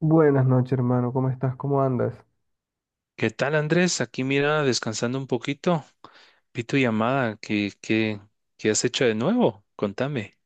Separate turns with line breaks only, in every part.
Buenas noches, hermano. ¿Cómo estás? ¿Cómo andas?
¿Qué tal, Andrés? Aquí mira, descansando un poquito. Vi tu llamada. ¿Qué has hecho de nuevo? Contame.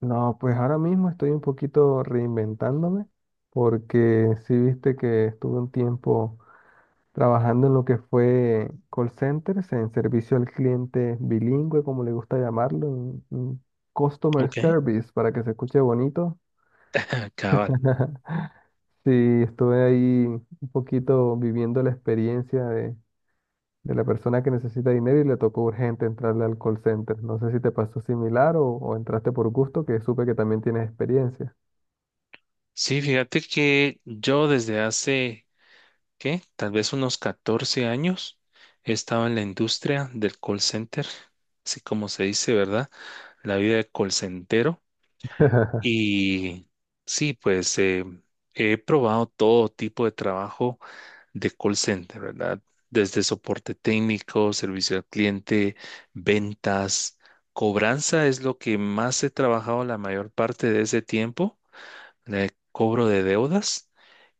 No, pues ahora mismo estoy un poquito reinventándome porque sí viste que estuve un tiempo trabajando en lo que fue call centers, en servicio al cliente bilingüe, como le gusta llamarlo, en customer
Ok.
service, para que se escuche bonito.
Ah, cabal.
Sí, estuve ahí un poquito viviendo la experiencia de la persona que necesita dinero y le tocó urgente entrarle al call center. No sé si te pasó similar o entraste por gusto, que supe que también tienes experiencia.
Sí, fíjate que yo desde hace, ¿qué? Tal vez unos 14 años he estado en la industria del call center, así como se dice, ¿verdad? La vida de call center. Y sí, pues he probado todo tipo de trabajo de call center, ¿verdad? Desde soporte técnico, servicio al cliente, ventas, cobranza es lo que más he trabajado la mayor parte de ese tiempo, el cobro de deudas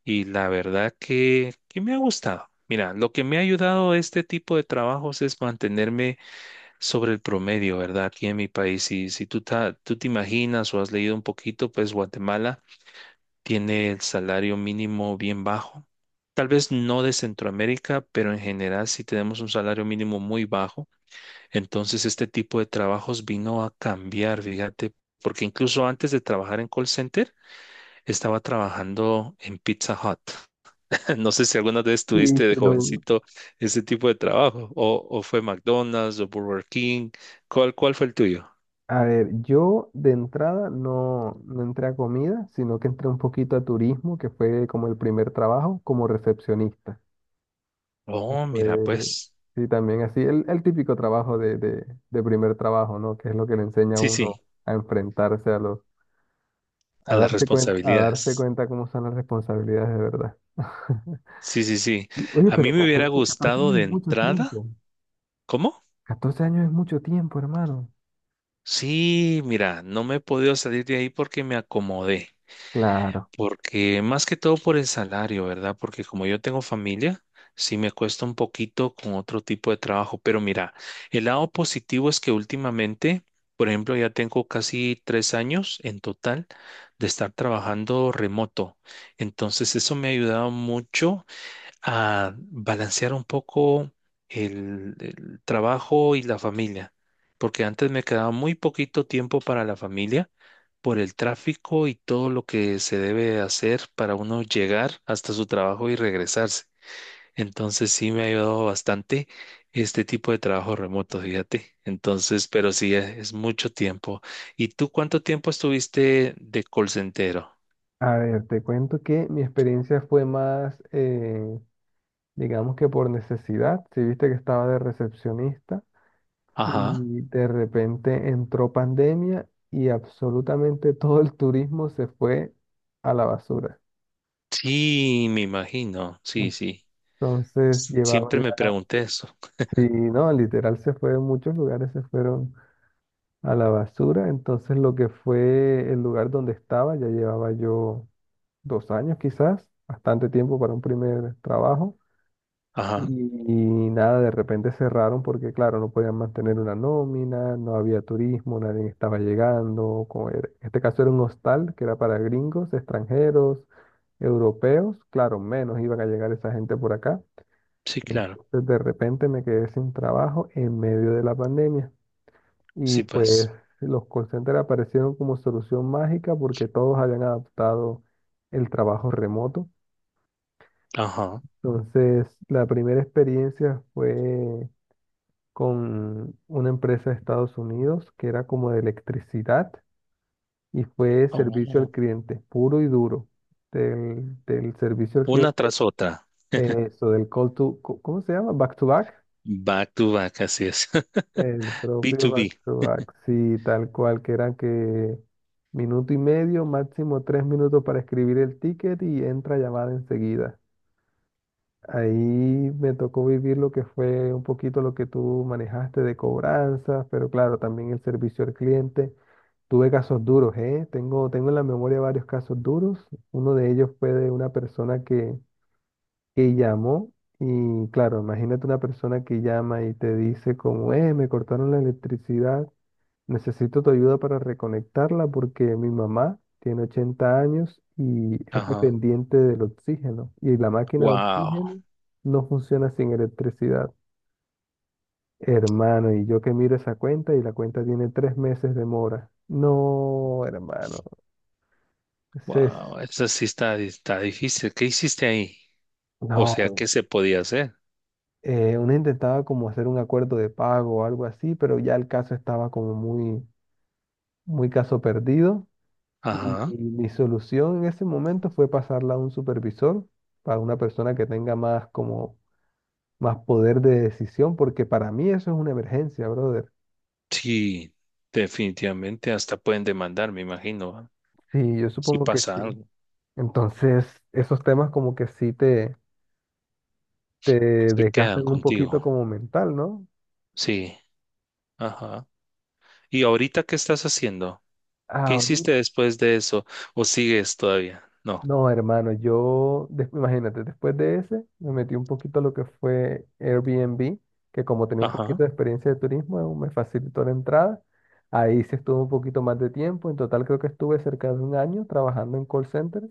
y la verdad que me ha gustado. Mira, lo que me ha ayudado este tipo de trabajos es mantenerme sobre el promedio, ¿verdad? Aquí en mi país, y si tú te imaginas o has leído un poquito, pues Guatemala tiene el salario mínimo bien bajo. Tal vez no de Centroamérica, pero en general sí tenemos un salario mínimo muy bajo. Entonces este tipo de trabajos vino a cambiar, fíjate, porque incluso antes de trabajar en call center, estaba trabajando en Pizza Hut. No sé si alguna vez
Sí,
tuviste de
pero
jovencito ese tipo de trabajo, o fue McDonald's o Burger King. ¿Cuál fue el tuyo?
a ver, yo de entrada no entré a comida, sino que entré un poquito a turismo, que fue como el primer trabajo como recepcionista. que
Oh,
Fue,
mira, pues,
sí, también así, el típico trabajo de primer trabajo, ¿no? Que es lo que le enseña a
sí,
uno
sí,
a enfrentarse a los,
a las
a darse
responsabilidades.
cuenta cómo son las responsabilidades de verdad.
Sí, sí, sí.
Oye,
A
pero
mí me hubiera
14
gustado
años
de
es mucho
entrada.
tiempo.
¿Cómo?
14 años es mucho tiempo, hermano.
Sí, mira, no me he podido salir de ahí porque me acomodé.
Claro.
Porque más que todo por el salario, ¿verdad? Porque como yo tengo familia, sí me cuesta un poquito con otro tipo de trabajo. Pero mira, el lado positivo es que últimamente, por ejemplo, ya tengo casi 3 años en total de estar trabajando remoto. Entonces, eso me ha ayudado mucho a balancear un poco el trabajo y la familia, porque antes me quedaba muy poquito tiempo para la familia por el tráfico y todo lo que se debe hacer para uno llegar hasta su trabajo y regresarse. Entonces sí me ha ayudado bastante este tipo de trabajo remoto, fíjate. Entonces, pero sí es mucho tiempo. ¿Y tú cuánto tiempo estuviste de call center?
A ver, te cuento que mi experiencia fue más, digamos que por necesidad. Si viste que estaba de recepcionista
Ajá.
y de repente entró pandemia y absolutamente todo el turismo se fue a la basura.
Sí, me imagino. Sí, sí.
Entonces llevaba
Siempre me
ya,
pregunté eso.
sí, no, literal se fue, muchos lugares se fueron a la basura. Entonces lo que fue el lugar donde estaba, ya llevaba yo 2 años quizás, bastante tiempo para un primer trabajo. Y
Ajá,
nada, de repente cerraron porque claro, no podían mantener una nómina, no había turismo, nadie estaba llegando. En este caso era un hostal que era para gringos, extranjeros, europeos. Claro, menos iban a llegar esa gente por acá.
sí, claro.
Entonces de repente me quedé sin trabajo en medio de la pandemia. Y
Sí,
pues
pues.
los call centers aparecieron como solución mágica porque todos habían adaptado el trabajo remoto.
Ajá.
Entonces, la primera experiencia fue con una empresa de Estados Unidos que era como de electricidad y fue servicio al
Oh,
cliente, puro y duro, del servicio al
una
cliente,
tras otra.
eso, del call to, co- ¿cómo se llama? Back to back.
Back to back, así es.
El
b
propio
to
back
b
to back, sí, tal cual, que eran que 1 minuto y medio, máximo 3 minutos para escribir el ticket y entra llamada enseguida. Ahí me tocó vivir lo que fue un poquito lo que tú manejaste de cobranzas, pero claro, también el servicio al cliente. Tuve casos duros, ¿eh? Tengo en la memoria varios casos duros. Uno de ellos fue de una persona que llamó y claro, imagínate una persona que llama y te dice como, me cortaron la electricidad. Necesito tu ayuda para reconectarla porque mi mamá tiene 80 años y es
Ajá.
dependiente del oxígeno. Y la máquina de
Wow,
oxígeno no funciona sin electricidad. Hermano, y yo que miro esa cuenta y la cuenta tiene 3 meses de mora. No, hermano. Ese es-
wow. Eso sí está, está difícil. ¿Qué hiciste ahí? O sea,
no.
¿qué se podía hacer?
Uno intentaba como hacer un acuerdo de pago o algo así, pero ya el caso estaba como muy, muy caso perdido. Y
Ajá.
mi solución en ese momento fue pasarla a un supervisor, para una persona que tenga más como más poder de decisión, porque para mí eso es una emergencia, brother.
Sí, definitivamente. Hasta pueden demandar, me imagino. ¿Va?
Sí, yo
Si
supongo que
pasa
sí.
algo,
Entonces, esos temas como que sí te
se quedan
desgastan un
contigo.
poquito como mental, ¿no?
Sí. Ajá. ¿Y ahorita qué estás haciendo? ¿Qué hiciste
Ahorita.
después de eso? ¿O sigues todavía? No.
No, hermano, imagínate, después de ese, me metí un poquito a lo que fue Airbnb, que como tenía un
Ajá.
poquito de experiencia de turismo, me facilitó la entrada. Ahí sí estuve un poquito más de tiempo. En total creo que estuve cerca de 1 año trabajando en call center.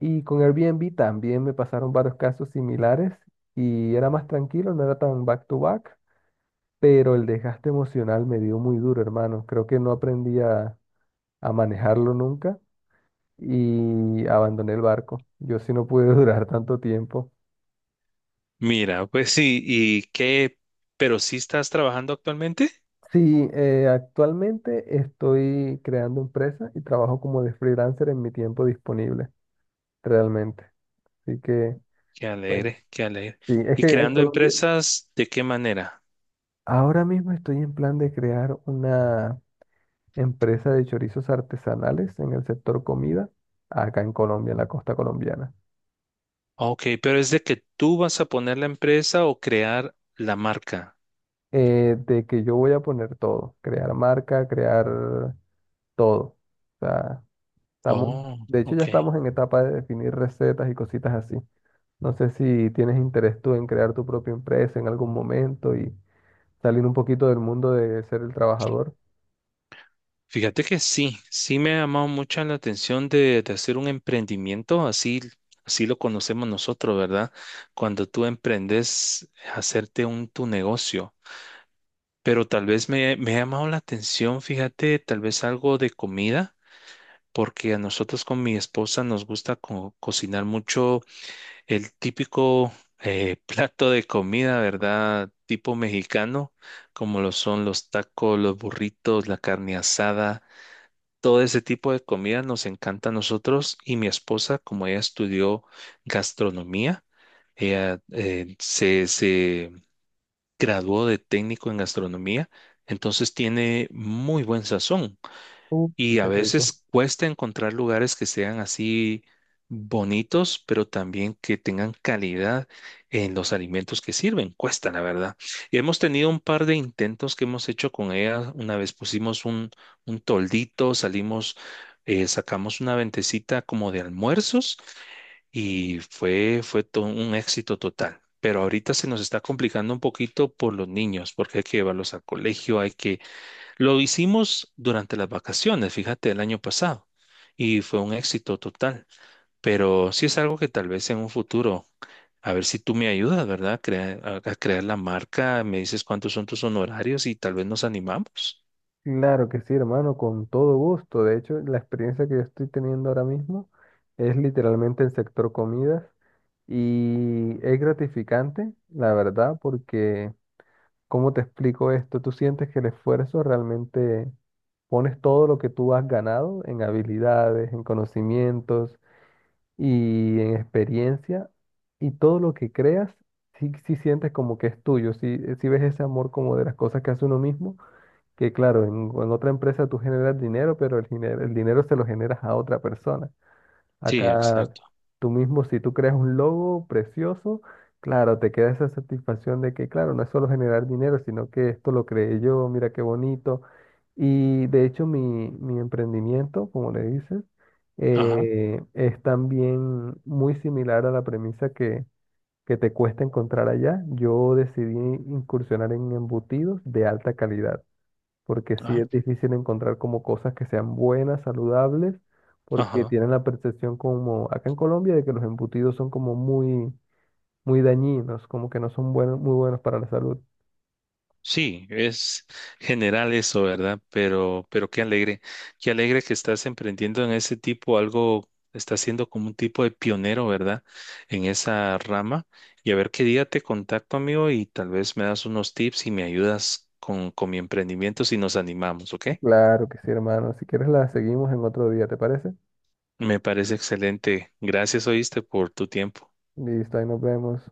Y con Airbnb también me pasaron varios casos similares y era más tranquilo, no era tan back to back, pero el desgaste emocional me dio muy duro, hermano. Creo que no aprendí a manejarlo nunca y abandoné el barco. Yo sí no pude durar tanto tiempo.
Mira, pues sí, ¿y qué? ¿Pero sí estás trabajando actualmente?
Sí, actualmente estoy creando empresa y trabajo como de freelancer en mi tiempo disponible, realmente. Así que,
Qué
bueno,
alegre, qué alegre.
sí, es
¿Y
que en
creando
Colombia
empresas de qué manera?
ahora mismo estoy en plan de crear una empresa de chorizos artesanales en el sector comida, acá en Colombia, en la costa colombiana.
Ok, pero es de que tú vas a poner la empresa o crear la marca.
De que yo voy a poner todo, crear marca, crear todo. O sea, Estamos,
Oh,
de hecho, ya
ok.
estamos en etapa de definir recetas y cositas así. No sé si tienes interés tú en crear tu propia empresa en algún momento y salir un poquito del mundo de ser el trabajador.
Fíjate que sí, sí me ha llamado mucho la atención de hacer un emprendimiento, así, así lo conocemos nosotros, ¿verdad? Cuando tú emprendes, hacerte un tu negocio. Pero tal vez me ha llamado la atención, fíjate, tal vez algo de comida, porque a nosotros con mi esposa nos gusta cocinar mucho el típico plato de comida, ¿verdad? Tipo mexicano, como lo son los tacos, los burritos, la carne asada, todo ese tipo de comida nos encanta a nosotros y mi esposa, como ella estudió gastronomía, ella graduó de técnico en gastronomía, entonces tiene muy buen sazón
Uh,
y a
qué rico.
veces cuesta encontrar lugares que sean así bonitos, pero también que tengan calidad en los alimentos que sirven. Cuesta, la verdad. Y hemos tenido un par de intentos que hemos hecho con ella. Una vez pusimos un toldito, salimos, sacamos una ventecita como de almuerzos y fue todo un éxito total. Pero ahorita se nos está complicando un poquito por los niños, porque hay que llevarlos al colegio, hay que... Lo hicimos durante las vacaciones, fíjate, el año pasado, y fue un éxito total. Pero sí es algo que tal vez en un futuro, a ver si tú me ayudas, ¿verdad? A crear la marca, me dices cuántos son tus honorarios y tal vez nos animamos.
Claro que sí, hermano, con todo gusto. De hecho, la experiencia que yo estoy teniendo ahora mismo es literalmente el sector comidas y es gratificante, la verdad, porque ¿cómo te explico esto? Tú sientes que el esfuerzo realmente pones todo lo que tú has ganado en habilidades, en conocimientos y en experiencia y todo lo que creas, sí, sí sientes como que es tuyo, sí, sí ves ese amor como de las cosas que hace uno mismo, que claro, en otra empresa tú generas dinero, pero el dinero se lo generas a otra persona.
Sí,
Acá
exacto.
tú mismo, si tú creas un logo precioso, claro, te queda esa satisfacción de que, claro, no es solo generar dinero, sino que esto lo creé yo, mira qué bonito. Y de hecho mi emprendimiento, como le dices,
Ajá,
es también muy similar a la premisa que te cuesta encontrar allá. Yo decidí incursionar en embutidos de alta calidad porque sí
ajá,
es difícil encontrar como cosas que sean buenas, saludables, porque
ajá.
tienen la percepción como acá en Colombia de que los embutidos son como muy, muy dañinos, como que no son buenos, muy buenos para la salud.
Sí, es general eso, ¿verdad? Pero qué alegre que estás emprendiendo en ese tipo algo, estás siendo como un tipo de pionero, ¿verdad? En esa rama. Y a ver qué día te contacto, amigo, y tal vez me das unos tips y me ayudas con mi emprendimiento si nos animamos, ¿ok?
Claro que sí, hermano. Si quieres la seguimos en otro día, ¿te parece?
Me parece excelente. Gracias, oíste, por tu tiempo.
Listo, ahí nos vemos.